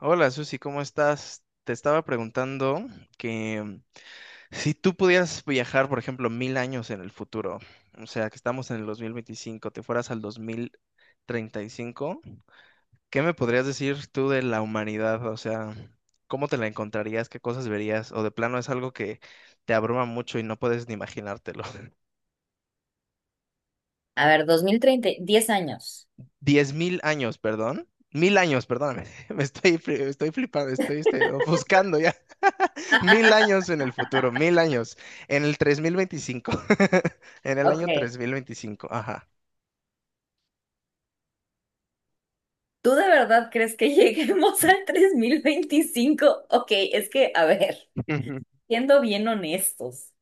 Hola Susi, ¿cómo estás? Te estaba preguntando que si tú pudieras viajar, por ejemplo, 1000 años en el futuro, o sea, que estamos en el 2025, te fueras al 2035, ¿qué me podrías decir tú de la humanidad? O sea, ¿cómo te la encontrarías? ¿Qué cosas verías? O de plano es algo que te abruma mucho y no puedes ni imaginártelo. A ver, 2030, 10 años. 10,000 años, perdón. 1000 años, perdóname. Estoy flipando, estoy, ofuscando ya. 1000 años en el futuro, 1000 años. En el 3025, en el Ok. año 3025, ajá. ¿Tú de verdad crees que lleguemos al 3025? Ok, es que, a ver, Ujú, siendo bien honestos,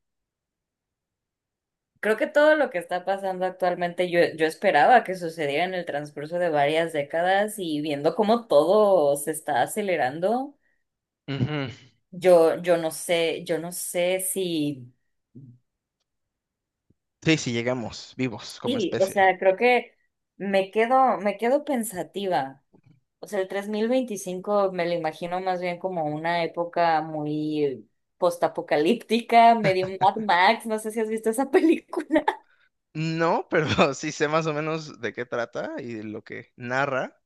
creo que todo lo que está pasando actualmente, yo esperaba que sucediera en el transcurso de varias décadas, y viendo cómo todo se está acelerando, ujú. yo no sé si, Sí, sí, llegamos vivos como sí, o especie. sea, creo que me quedo pensativa. O sea, el 3025 me lo imagino más bien como una época muy postapocalíptica, medio Mad Max. No sé si has visto esa película. No, pero sí sé más o menos de qué trata y de lo que narra.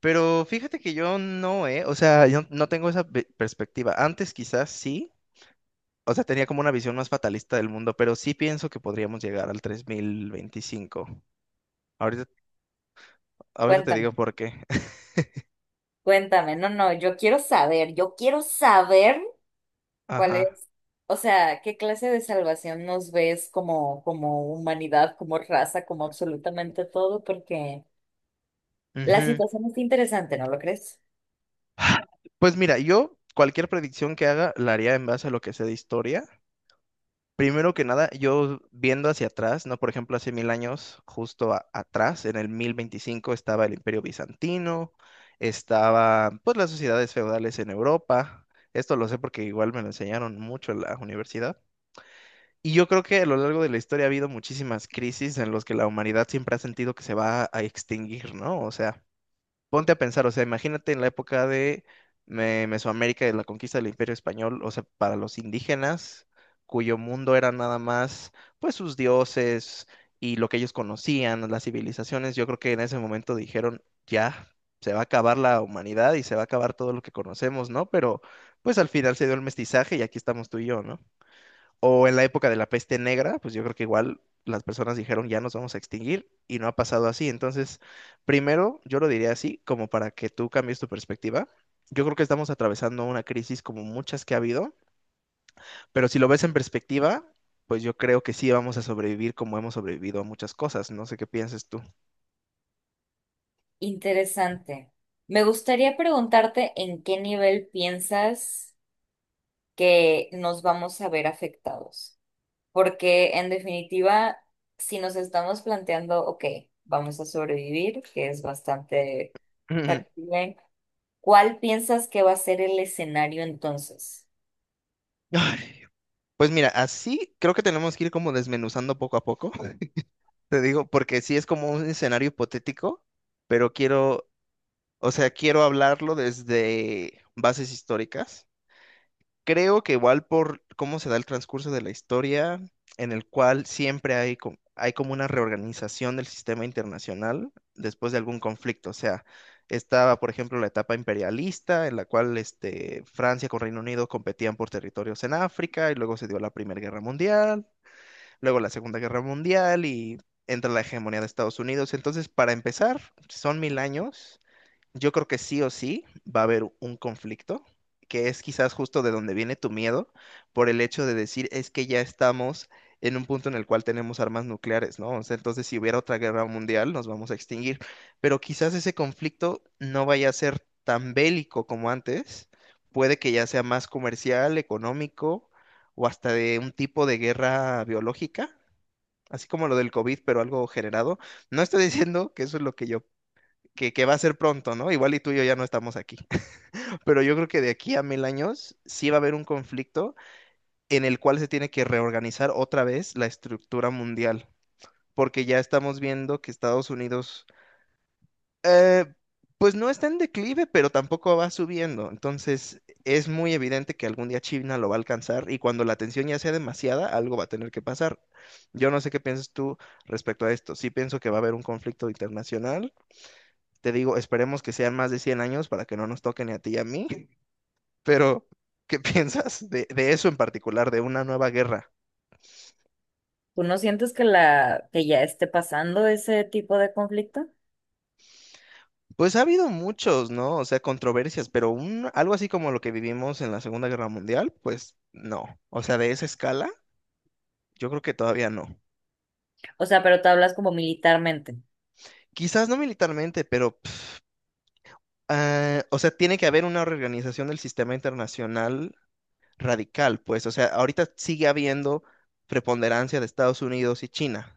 Pero fíjate que yo no, ¿eh? O sea, yo no tengo esa perspectiva. Antes quizás sí, o sea, tenía como una visión más fatalista del mundo, pero sí pienso que podríamos llegar al 3025. Ahorita, ahorita te Cuéntame, digo por qué. cuéntame, no, no, yo quiero saber cuál Ajá. es, o sea, qué clase de salvación nos ves como humanidad, como raza, como absolutamente todo, porque la Ujú. situación es interesante, ¿no lo crees? Pues mira, yo cualquier predicción que haga la haría en base a lo que sé de historia. Primero que nada, yo viendo hacia atrás, ¿no? Por ejemplo, hace 1000 años, justo atrás, en el 1025, estaba el Imperio Bizantino, estaba, pues, las sociedades feudales en Europa. Esto lo sé porque igual me lo enseñaron mucho en la universidad. Y yo creo que a lo largo de la historia ha habido muchísimas crisis en las que la humanidad siempre ha sentido que se va a extinguir, ¿no? O sea, ponte a pensar, o sea, imagínate en la época de Mesoamérica, de la conquista del Imperio Español, o sea, para los indígenas, cuyo mundo era nada más, pues, sus dioses y lo que ellos conocían, las civilizaciones. Yo creo que en ese momento dijeron, ya, se va a acabar la humanidad y se va a acabar todo lo que conocemos, ¿no? Pero, pues, al final se dio el mestizaje y aquí estamos tú y yo, ¿no? O en la época de la peste negra, pues yo creo que igual las personas dijeron ya nos vamos a extinguir y no ha pasado así. Entonces, primero, yo lo diría así, como para que tú cambies tu perspectiva. Yo creo que estamos atravesando una crisis como muchas que ha habido, pero si lo ves en perspectiva, pues yo creo que sí vamos a sobrevivir como hemos sobrevivido a muchas cosas. No sé qué pienses tú. Interesante. Me gustaría preguntarte en qué nivel piensas que nos vamos a ver afectados. Porque, en definitiva, si nos estamos planteando, ok, vamos a sobrevivir, que es bastante Ujú. factible, ¿cuál piensas que va a ser el escenario entonces? Ay, pues mira, así creo que tenemos que ir como desmenuzando poco a poco, te digo, porque sí es como un escenario hipotético, pero quiero O sea, quiero hablarlo desde bases históricas. Creo que igual por cómo se da el transcurso de la historia, en el cual siempre hay, hay como una reorganización del sistema internacional después de algún conflicto. O sea, estaba, por ejemplo, la etapa imperialista, en la cual Francia con Reino Unido competían por territorios en África, y luego se dio la Primera Guerra Mundial, luego la Segunda Guerra Mundial, y entra la hegemonía de Estados Unidos. Entonces, para empezar, son 1000 años, yo creo que sí o sí va a haber un conflicto, que es quizás justo de donde viene tu miedo, por el hecho de decir es que ya estamos en un punto en el cual tenemos armas nucleares, ¿no? O sea, entonces si hubiera otra guerra mundial nos vamos a extinguir, pero quizás ese conflicto no vaya a ser tan bélico como antes, puede que ya sea más comercial, económico o hasta de un tipo de guerra biológica. Así como lo del COVID, pero algo generado. No estoy diciendo que eso es lo que que va a ser pronto, ¿no? Igual y tú y yo ya no estamos aquí. Pero yo creo que de aquí a 1000 años sí va a haber un conflicto en el cual se tiene que reorganizar otra vez la estructura mundial, porque ya estamos viendo que Estados Unidos, eh, pues no está en declive, pero tampoco va subiendo. Entonces es muy evidente que algún día China lo va a alcanzar y cuando la tensión ya sea demasiada, algo va a tener que pasar. Yo no sé qué piensas tú respecto a esto. Sí pienso que va a haber un conflicto internacional. Te digo, esperemos que sean más de 100 años para que no nos toquen ni a ti y a mí, pero ¿qué piensas de eso en particular, de una nueva guerra? ¿Tú no sientes que la que ya esté pasando ese tipo de conflicto? Pues ha habido muchos, ¿no? O sea, controversias, pero algo así como lo que vivimos en la Segunda Guerra Mundial, pues no. O sea, de esa escala, yo creo que todavía no. O sea, pero tú hablas como militarmente. Quizás no militarmente, pero, pf, ah, o sea, tiene que haber una reorganización del sistema internacional radical, pues, o sea, ahorita sigue habiendo preponderancia de Estados Unidos y China.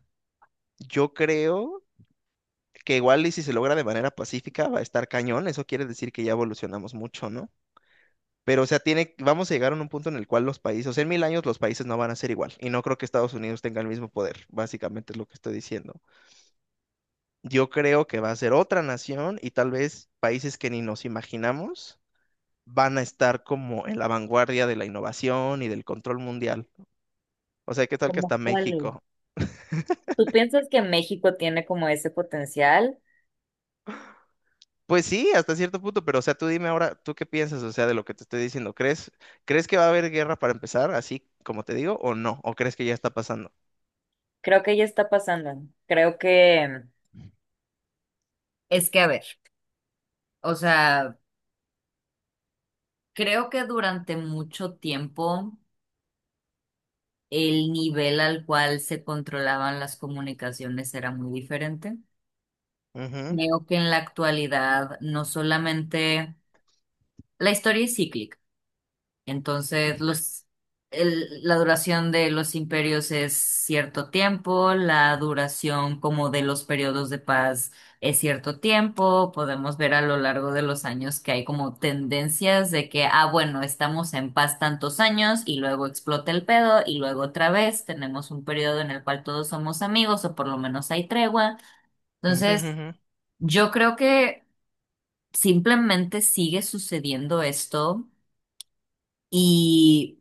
Yo creo que igual y si se logra de manera pacífica va a estar cañón, eso quiere decir que ya evolucionamos mucho, ¿no? Pero, o sea, tiene, vamos a llegar a un punto en el cual los países, o sea, en 1000 años los países no van a ser igual, y no creo que Estados Unidos tenga el mismo poder, básicamente es lo que estoy diciendo. Yo creo que va a ser otra nación y tal vez países que ni nos imaginamos van a estar como en la vanguardia de la innovación y del control mundial. O sea, ¿qué tal que ¿Como hasta cuál? México? ¿Tú piensas que México tiene como ese potencial? Pues sí, hasta cierto punto, pero o sea, tú dime ahora, ¿tú qué piensas, o sea, de lo que te estoy diciendo? ¿Crees, crees que va a haber guerra para empezar, así como te digo, o no? ¿O crees que ya está pasando? Creo que ya está pasando. Creo que, es que, a ver, o sea, creo que durante mucho tiempo el nivel al cual se controlaban las comunicaciones era muy diferente. Ujú, Creo que en la actualidad no solamente la historia es cíclica. Entonces, los, la duración de los imperios es cierto tiempo, la duración como de los periodos de paz es cierto tiempo. Podemos ver a lo largo de los años que hay como tendencias de que, ah, bueno, estamos en paz tantos años y luego explota el pedo y luego otra vez tenemos un periodo en el cual todos somos amigos, o por lo menos hay tregua. ujú, Entonces, ujú, yo creo que simplemente sigue sucediendo esto y.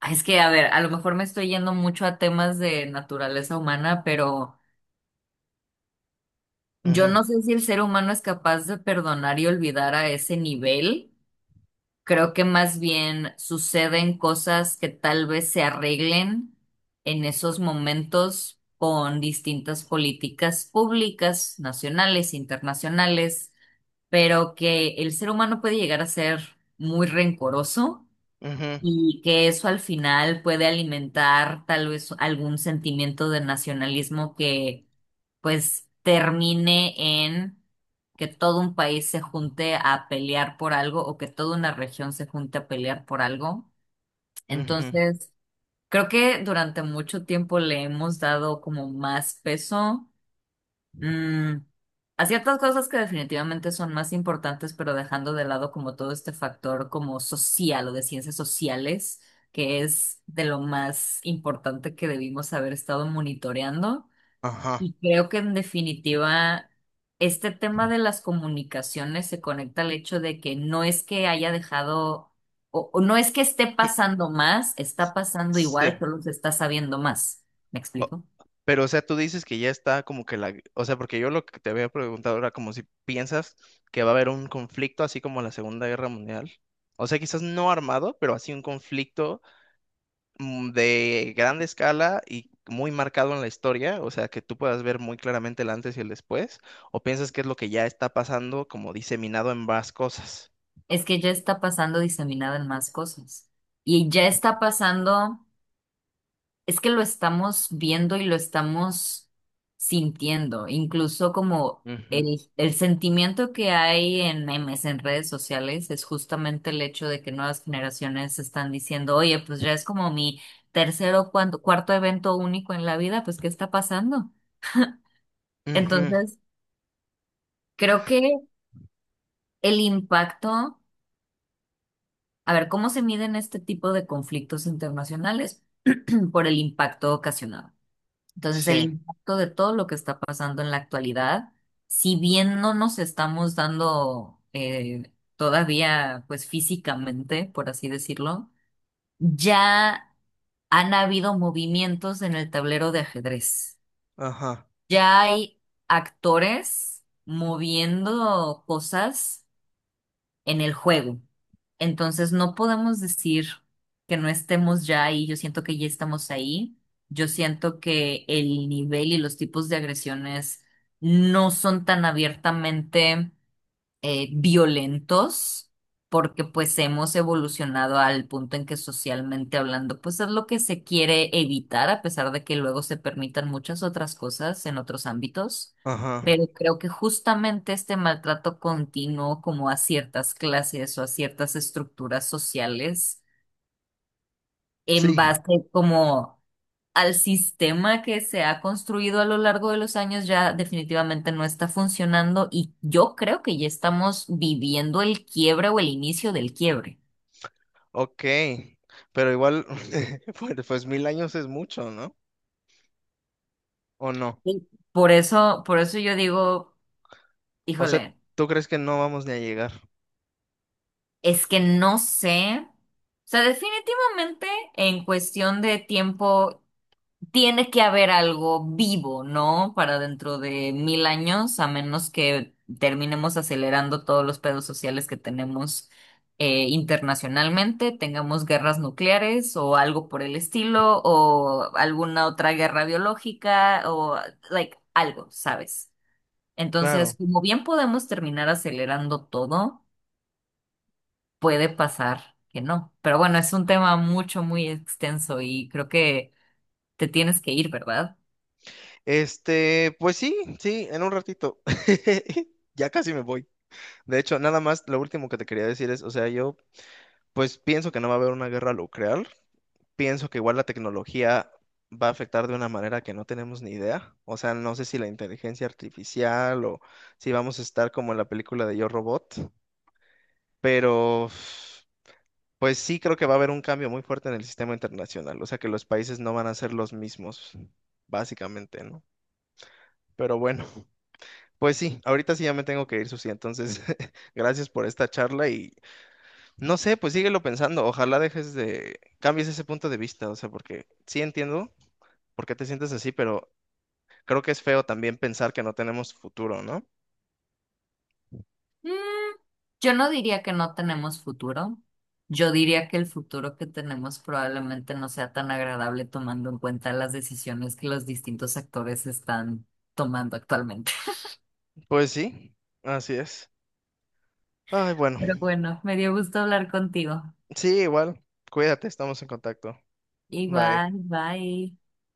Ah, es que, a ver, a lo mejor me estoy yendo mucho a temas de naturaleza humana, pero yo ujú, no sé si el ser humano es capaz de perdonar y olvidar a ese nivel. Creo que más bien suceden cosas que tal vez se arreglen en esos momentos con distintas políticas públicas, nacionales, internacionales, pero que el ser humano puede llegar a ser muy rencoroso. ujú, Y que eso al final puede alimentar tal vez algún sentimiento de nacionalismo que pues termine en que todo un país se junte a pelear por algo, o que toda una región se junte a pelear por algo. ujú, Entonces, creo que durante mucho tiempo le hemos dado como más peso, Mm, a ciertas cosas que definitivamente son más importantes, pero dejando de lado como todo este factor como social o de ciencias sociales, que es de lo más importante que debimos haber estado monitoreando. ajá. Y creo que, en definitiva, este tema de las comunicaciones se conecta al hecho de que no es que haya dejado, o no es que esté pasando más, está pasando igual, Sí. pero se está sabiendo más. ¿Me O- explico? Pero, o sea, tú dices que ya está como que la... O sea, porque yo lo que te había preguntado era como si piensas que va a haber un conflicto así como la Segunda Guerra Mundial. O sea, quizás no armado, pero así un conflicto de grande escala y muy marcado en la historia, o sea, que tú puedas ver muy claramente el antes y el después, o piensas que es lo que ya está pasando como diseminado en más cosas. Es que ya está pasando diseminada en más cosas. Y ya está pasando, es que lo estamos viendo y lo estamos sintiendo, incluso como Ujú, el sentimiento que hay en memes, en redes sociales, es justamente el hecho de que nuevas generaciones están diciendo, oye, pues ya es como mi tercer o cuarto evento único en la vida, pues ¿qué está pasando? ujú, Entonces, creo que el impacto. A ver, ¿cómo se miden este tipo de conflictos internacionales? Por el impacto ocasionado. Entonces, el sí, impacto de todo lo que está pasando en la actualidad, si bien no nos estamos dando, todavía, pues físicamente, por así decirlo, ya han habido movimientos en el tablero de ajedrez. ajá, Ya hay actores moviendo cosas en el juego. Entonces no podemos decir que no estemos ya ahí. Yo siento que ya estamos ahí. Yo siento que el nivel y los tipos de agresiones no son tan abiertamente violentos, porque pues hemos evolucionado al punto en que socialmente hablando, pues es lo que se quiere evitar, a pesar de que luego se permitan muchas otras cosas en otros ámbitos. ajá. Pero creo que justamente este maltrato continuo como a ciertas clases o a ciertas estructuras sociales, en Sí, base como al sistema que se ha construido a lo largo de los años, ya definitivamente no está funcionando, y yo creo que ya estamos viviendo el quiebre o el inicio del quiebre. ok. Pero igual, pues mil años es mucho, ¿no? ¿O no? Sí. Por eso yo digo, O sea, híjole, ¿tú crees que no vamos ni a llegar? es que no sé. O sea, definitivamente, en cuestión de tiempo tiene que haber algo vivo, ¿no? Para dentro de 1000 años, a menos que terminemos acelerando todos los pedos sociales que tenemos, internacionalmente, tengamos guerras nucleares o algo por el estilo, o alguna otra guerra biológica, o like algo, ¿sabes? Entonces, Claro. como bien podemos terminar acelerando todo, puede pasar que no. Pero bueno, es un tema mucho, muy extenso, y creo que te tienes que ir, ¿verdad? Este, pues sí, sí, en un ratito. Ya casi me voy. De hecho, nada más, lo último que te quería decir es, o sea, yo pues pienso que no va a haber una guerra nuclear, pienso que igual la tecnología va a afectar de una manera que no tenemos ni idea, o sea, no sé si la inteligencia artificial o si vamos a estar como en la película de Yo Robot, pero pues sí creo que va a haber un cambio muy fuerte en el sistema internacional, o sea, que los países no van a ser los mismos, básicamente, ¿no? Pero bueno, pues sí, ahorita sí ya me tengo que ir, Susi, entonces gracias por esta charla y. No sé, pues síguelo pensando. Ojalá cambies ese punto de vista, o sea, porque sí entiendo por qué te sientes así, pero creo que es feo también pensar que no tenemos futuro, ¿no? Mm, yo no diría que no tenemos futuro. Yo diría que el futuro que tenemos probablemente no sea tan agradable, tomando en cuenta las decisiones que los distintos actores están tomando actualmente. Pues sí, así es. Ay, bueno. Pero bueno, me dio gusto hablar contigo. Sí, igual. Cuídate, estamos en contacto. Bye. Igual, bye.